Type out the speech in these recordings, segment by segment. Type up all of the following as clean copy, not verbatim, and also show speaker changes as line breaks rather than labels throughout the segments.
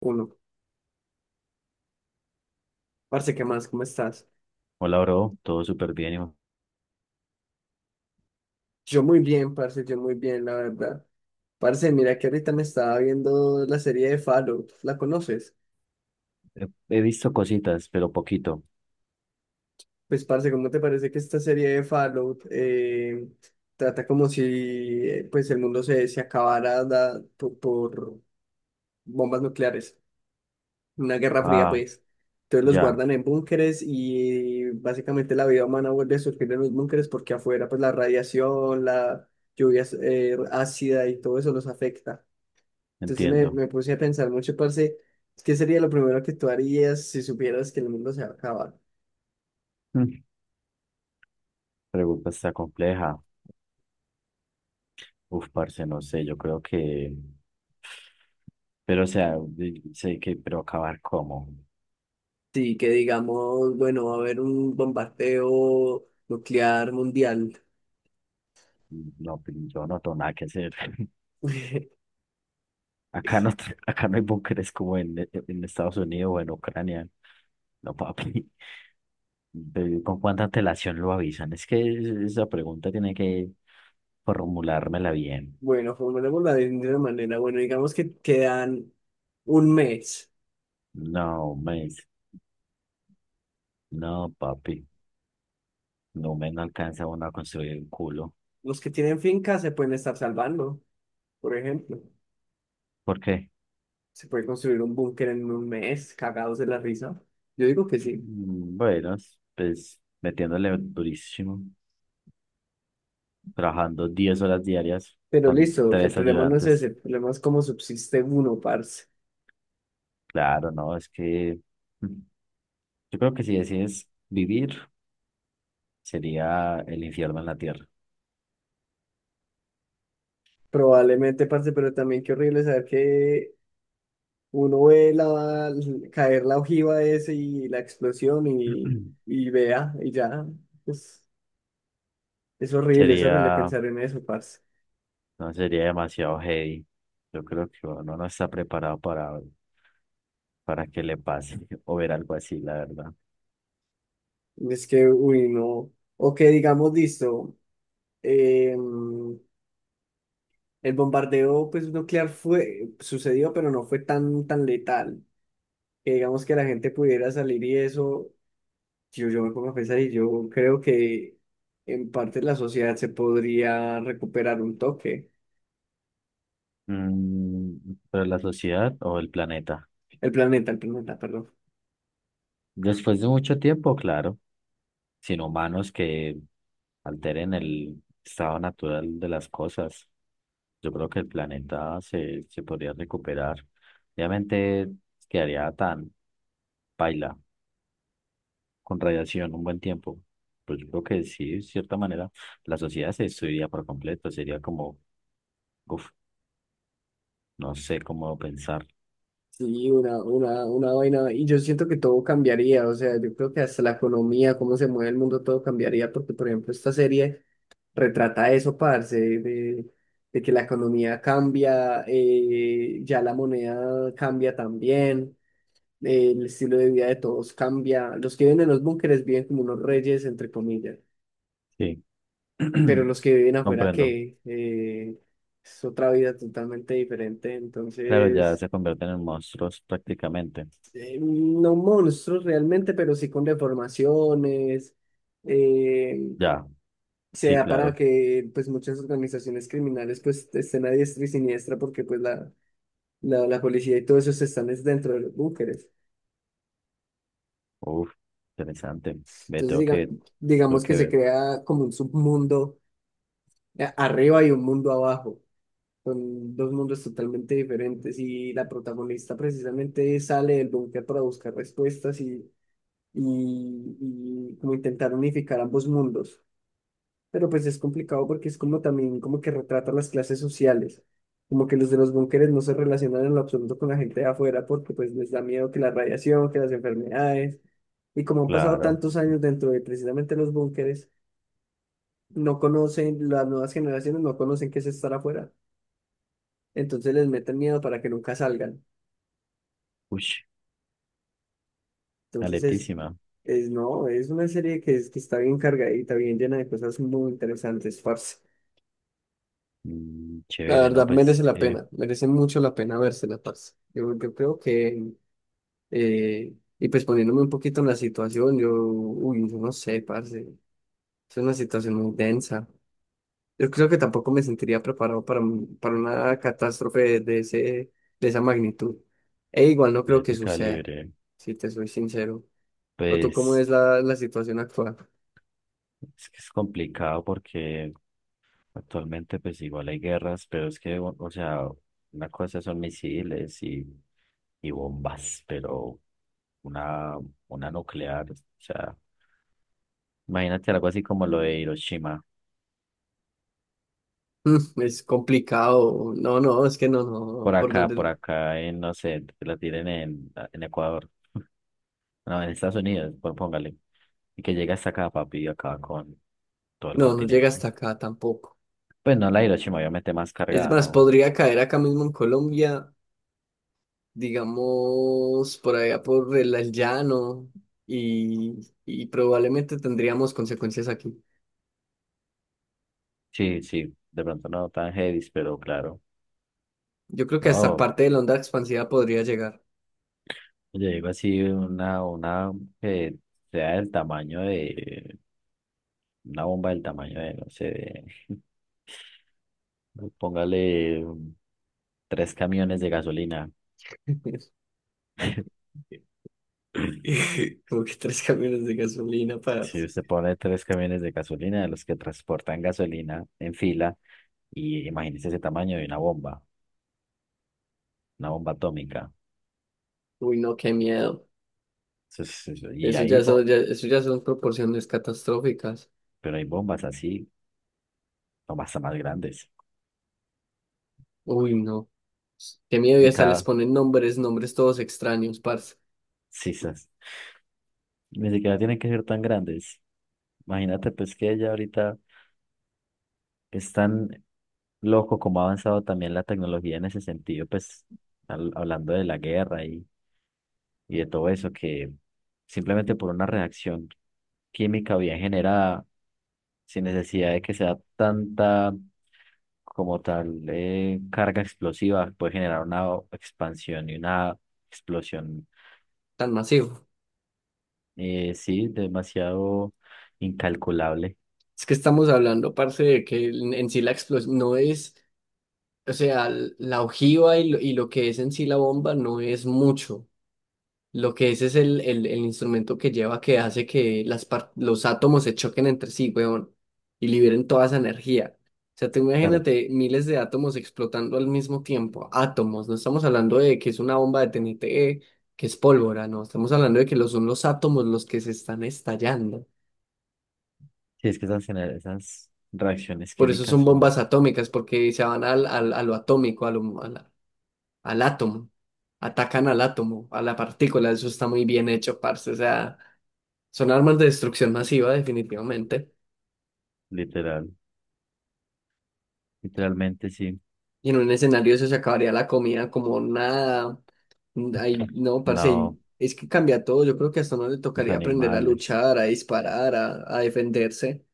Uno. Parce, ¿qué más? ¿Cómo estás?
Hola, bro, todo súper bien. Hijo.
Yo muy bien, parce, yo muy bien, la verdad. Parce, mira que ahorita me estaba viendo la serie de Fallout, ¿la conoces?
He visto cositas, pero poquito.
Pues, parce, ¿cómo te parece que esta serie de Fallout trata como si pues el mundo se acabara por bombas nucleares? Una guerra fría,
Ah,
pues. Entonces los
ya,
guardan en búnkeres y básicamente la vida humana vuelve a surgir en los búnkeres porque afuera pues la radiación, la lluvia ácida y todo eso los afecta. Entonces me,
entiendo.
me puse a pensar mucho, parce, ¿qué sería lo primero que tú harías si supieras que el mundo se va a acabar?
Mm. Pregunta está compleja. Uf, parce, no sé, yo creo que Pero, o sea, sé que, pero acabar cómo.
Sí, que digamos, bueno, va a haber un bombardeo nuclear mundial.
No, pues, yo no tengo nada que hacer. Acá no, acá no hay búnkeres como en, en Estados Unidos o en Ucrania. No, papi. Pero, ¿con cuánta antelación lo avisan? Es que esa pregunta tiene que formulármela bien.
Bueno, formulémosla de una manera. Bueno, digamos que quedan un mes.
No, mes. No, papi. No alcanza uno a construir el culo.
Los que tienen fincas se pueden estar salvando, por ejemplo.
¿Por qué?
Se puede construir un búnker en un mes, cagados de la risa. Yo digo que sí.
Mm, bueno, pues metiéndole durísimo, trabajando 10 horas diarias
Pero
con
listo, el
tres
problema no es ese,
ayudantes.
el problema es cómo subsiste uno, parce.
Claro, no, es que mm, yo creo que si decides vivir, sería el infierno en la tierra.
Probablemente, parce, pero también qué horrible saber que uno ve caer la ojiva ese y la explosión y, y vea, y ya. Es, es horrible, es horrible
Sería,
pensar en eso, parce.
no sería demasiado heavy. Yo creo que uno no está preparado para que le pase o ver algo así, la verdad.
Es que, uy, no. O que digamos, listo, eh, el bombardeo pues, nuclear fue, sucedió, pero no fue tan, tan letal. Que digamos que la gente pudiera salir y eso. Yo me pongo a pensar y yo creo que en parte la sociedad se podría recuperar un toque.
Mm, pero la sociedad o el planeta.
El planeta, perdón.
Después de mucho tiempo, claro, sin humanos que alteren el estado natural de las cosas, yo creo que el planeta se podría recuperar. Obviamente quedaría tan paila con radiación un buen tiempo. Pues yo creo que sí, de cierta manera, la sociedad se destruiría por completo. Sería como, uff, no sé cómo pensar.
Sí, una vaina. Y yo siento que todo cambiaría. O sea, yo creo que hasta la economía, cómo se mueve el mundo, todo cambiaría. Porque, por ejemplo, esta serie retrata eso, parce, de que la economía cambia, ya la moneda cambia también. El estilo de vida de todos cambia. Los que viven en los búnkeres viven como unos reyes, entre comillas,
Sí,
pero los que viven afuera,
comprendo.
que es otra vida totalmente diferente.
Claro, ya
Entonces,
se convierten en monstruos prácticamente.
no monstruos realmente, pero sí con deformaciones. eh,
Ya,
se
sí,
da para
claro.
que pues muchas organizaciones criminales pues estén a diestra y siniestra porque pues la policía y todo eso se están es dentro de los búnkeres.
Uf, interesante. Ve,
Entonces
tengo que, tengo
digamos que
que
se
ver.
crea como un submundo arriba y un mundo abajo. Son dos mundos totalmente diferentes y la protagonista precisamente sale del búnker para buscar respuestas y como intentar unificar ambos mundos. Pero pues es complicado porque es como también como que retrata las clases sociales. Como que los de los búnkeres no se relacionan en lo absoluto con la gente de afuera porque pues les da miedo que la radiación, que las enfermedades. Y como han pasado
Claro.
tantos años dentro de precisamente los búnkeres, no conocen, las nuevas generaciones no conocen qué es estar afuera. Entonces les meten miedo para que nunca salgan.
Uy,
Entonces
aletísima.
no, es una serie que, que está bien cargadita, bien llena de cosas muy interesantes, parce.
Mm,
La
chévere, ¿no?
verdad,
Pues
merece
es
la
que
pena, merece mucho la pena vérsela, parce. Yo creo que, eh, y pues poniéndome un poquito en la situación, yo, uy, yo no sé, parce, es una situación muy densa. Yo creo que tampoco me sentiría preparado para, para una catástrofe de ese, de esa magnitud. E igual no creo
de
que
ese
suceda,
calibre,
si te soy sincero. ¿O tú cómo
pues
es la situación actual?
es que es complicado porque actualmente pues igual hay guerras, pero es que, o sea, una cosa son misiles y bombas, pero una, una nuclear, o sea, imagínate algo así como lo de Hiroshima.
Es complicado. No, no, es que no, no, no, por donde
Por acá, en, no sé, que la tiren en, Ecuador. No, en Estados Unidos, pues póngale. Y que llega hasta acá, papi, acá con todo el
no, no llega
continente.
hasta acá tampoco.
Pues no, la Hiroshima obviamente más
Es
cargada,
más,
¿no?
podría caer acá mismo en Colombia, digamos, por allá por el llano y, y probablemente tendríamos consecuencias aquí.
Sí, sí, de pronto no tan heavy, pero claro.
Yo creo que hasta
No,
parte de la onda expansiva podría llegar.
yo digo así, una que sea del tamaño de, una bomba del tamaño de, no sé, póngale tres camiones de gasolina.
Como que tres camiones de gasolina para.
Si usted pone tres camiones de gasolina, de los que transportan gasolina en fila, y imagínese ese tamaño de una bomba. Una bomba atómica.
Uy, no, qué miedo.
Y
Eso
ahí,
ya son, eso ya son proporciones catastróficas.
pero hay bombas así, bombas hasta más grandes.
Uy, no. Qué miedo, y
Y
hasta les
cada,
ponen nombres, nombres todos extraños, parce,
sí, sí sí. Ni siquiera tienen que ser tan grandes. Imagínate, pues que ya ahorita es tan loco como ha avanzado también la tecnología en ese sentido, pues hablando de la guerra y de todo eso, que simplemente por una reacción química bien generada, sin necesidad de que sea tanta como tal carga explosiva, puede generar una expansión y una explosión,
tan masivo.
sí, demasiado incalculable.
Es que estamos hablando, parce, de que en sí la explosión no es, o sea, la ojiva y lo que es en sí la bomba no es mucho. Lo que es el instrumento que lleva que hace que las los átomos se choquen entre sí, weón, y liberen toda esa energía. O sea, tú
Claro,
imagínate miles de átomos explotando al mismo tiempo. Átomos, no estamos hablando de que es una bomba de TNT, que es pólvora, no, estamos hablando de que lo son los átomos los que se están estallando.
sí, es que esas, esas reacciones
Por eso
químicas
son
son
bombas atómicas, porque se van a lo atómico, a lo- a la- al átomo. Atacan al átomo, a la partícula, eso está muy bien hecho, parce. O sea. Son armas de destrucción masiva, definitivamente.
literal, literalmente sí,
Y en un escenario eso se acabaría la comida como nada. Ay, no, parce,
no,
y es que cambia todo. Yo creo que hasta no le
los
tocaría aprender a
animales,
luchar, a disparar, a defenderse.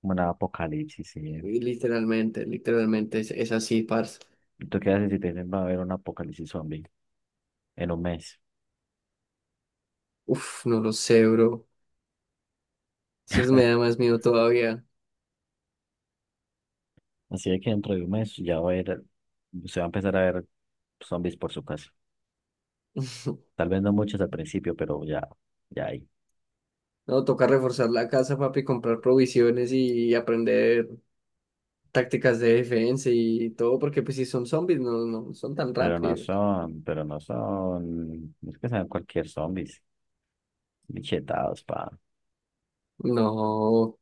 como una apocalipsis, sí.
Y literalmente, literalmente es así, parce.
¿Tú qué haces si te dicen va a haber un apocalipsis zombie en un mes?
Uf, no lo sé, bro. Me da más miedo todavía.
Así de que dentro de un mes ya va a haber, se va a empezar a ver zombies por su casa. Tal vez no muchos al principio, pero ya, ya hay.
No, toca reforzar la casa, papi, comprar provisiones y aprender tácticas de defensa y todo, porque pues si son zombies, no, no son tan
Pero no
rápidos.
son, pero no son, es que sean cualquier zombies, bichetados, pa.
No,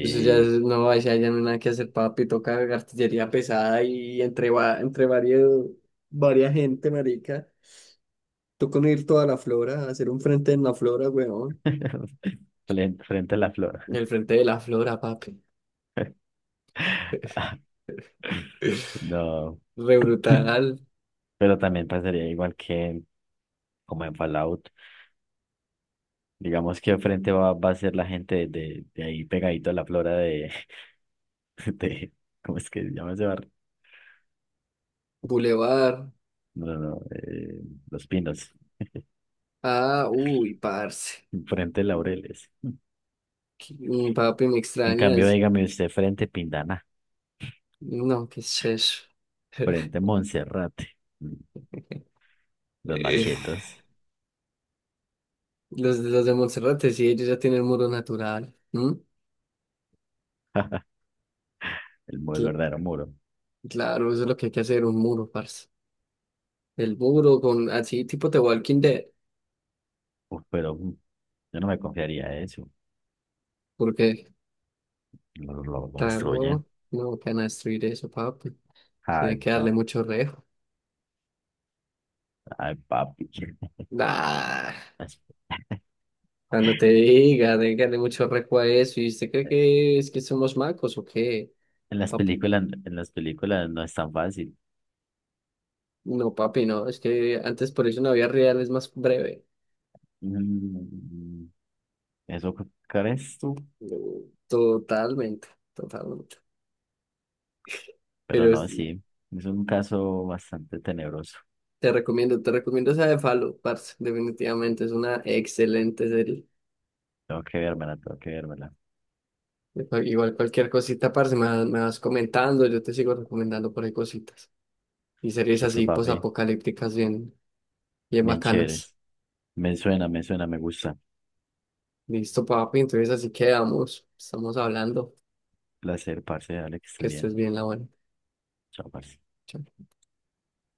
no, ahí sí ya no hay nada que hacer, papi, toca artillería pesada y entre, entre varios, varias gente, marica. Toca unir toda la flora, hacer un frente en la flora, weón.
Frente a la flor.
El frente de la flora, papi.
No,
Re brutal,
pero también pasaría igual que como en Fallout. Digamos que frente va a ser la gente de, ahí pegadito a la flora de, de, ¿cómo es que se llama ese barrio?
Boulevard.
No, no, no, Los Pinos,
Ah, uy, parce.
frente Laureles.
Papi, me
En cambio,
extrañas.
dígame usted, frente Pindana.
No, qué es eso.
Frente a Monserrate, los
Eh,
machetas,
los de Monserrate, sí, ellos ya tienen muro natural. ¿M?
el
Cl-
verdadero muro.
claro, eso es lo que hay que hacer, un muro, parce. El burro con así tipo de Walking Dead,
Uf, pero yo no me confiaría de eso.
porque
Lo destruyen.
claro, no van a destruir eso, papi.
Ay,
Tienen que darle mucho rejo.
ay, papi.
Nah,
Las-
cuando te diga, tienen que darle mucho rejo a eso. ¿Y usted cree
eh,
que es que somos macos o qué? Pap-
En las películas no es tan fácil.
no, papi, no. Es que antes por eso una vida real es más breve.
Mm, ¿Eso crees tú?
Mm, Totalmente, totalmente.
Pero
Pero
no,
es-
sí. Es un caso bastante tenebroso.
Te recomiendo, te recomiendo esa de Fallout, parce. Definitivamente es una excelente serie.
Tengo que vérmela, tengo que vérmela.
Igual cualquier cosita, parce, me vas comentando, yo te sigo recomendando por ahí cositas. Y series
Eso,
así
papi.
posapocalípticas bien, bien
Bien
bacanas.
chéveres. Me suena, me suena, me gusta.
Listo, papi, entonces así quedamos. Estamos hablando.
Placer, parce. Dale que estés
Que
bien.
estés bien, la buena.
Chao, parce.
Chao.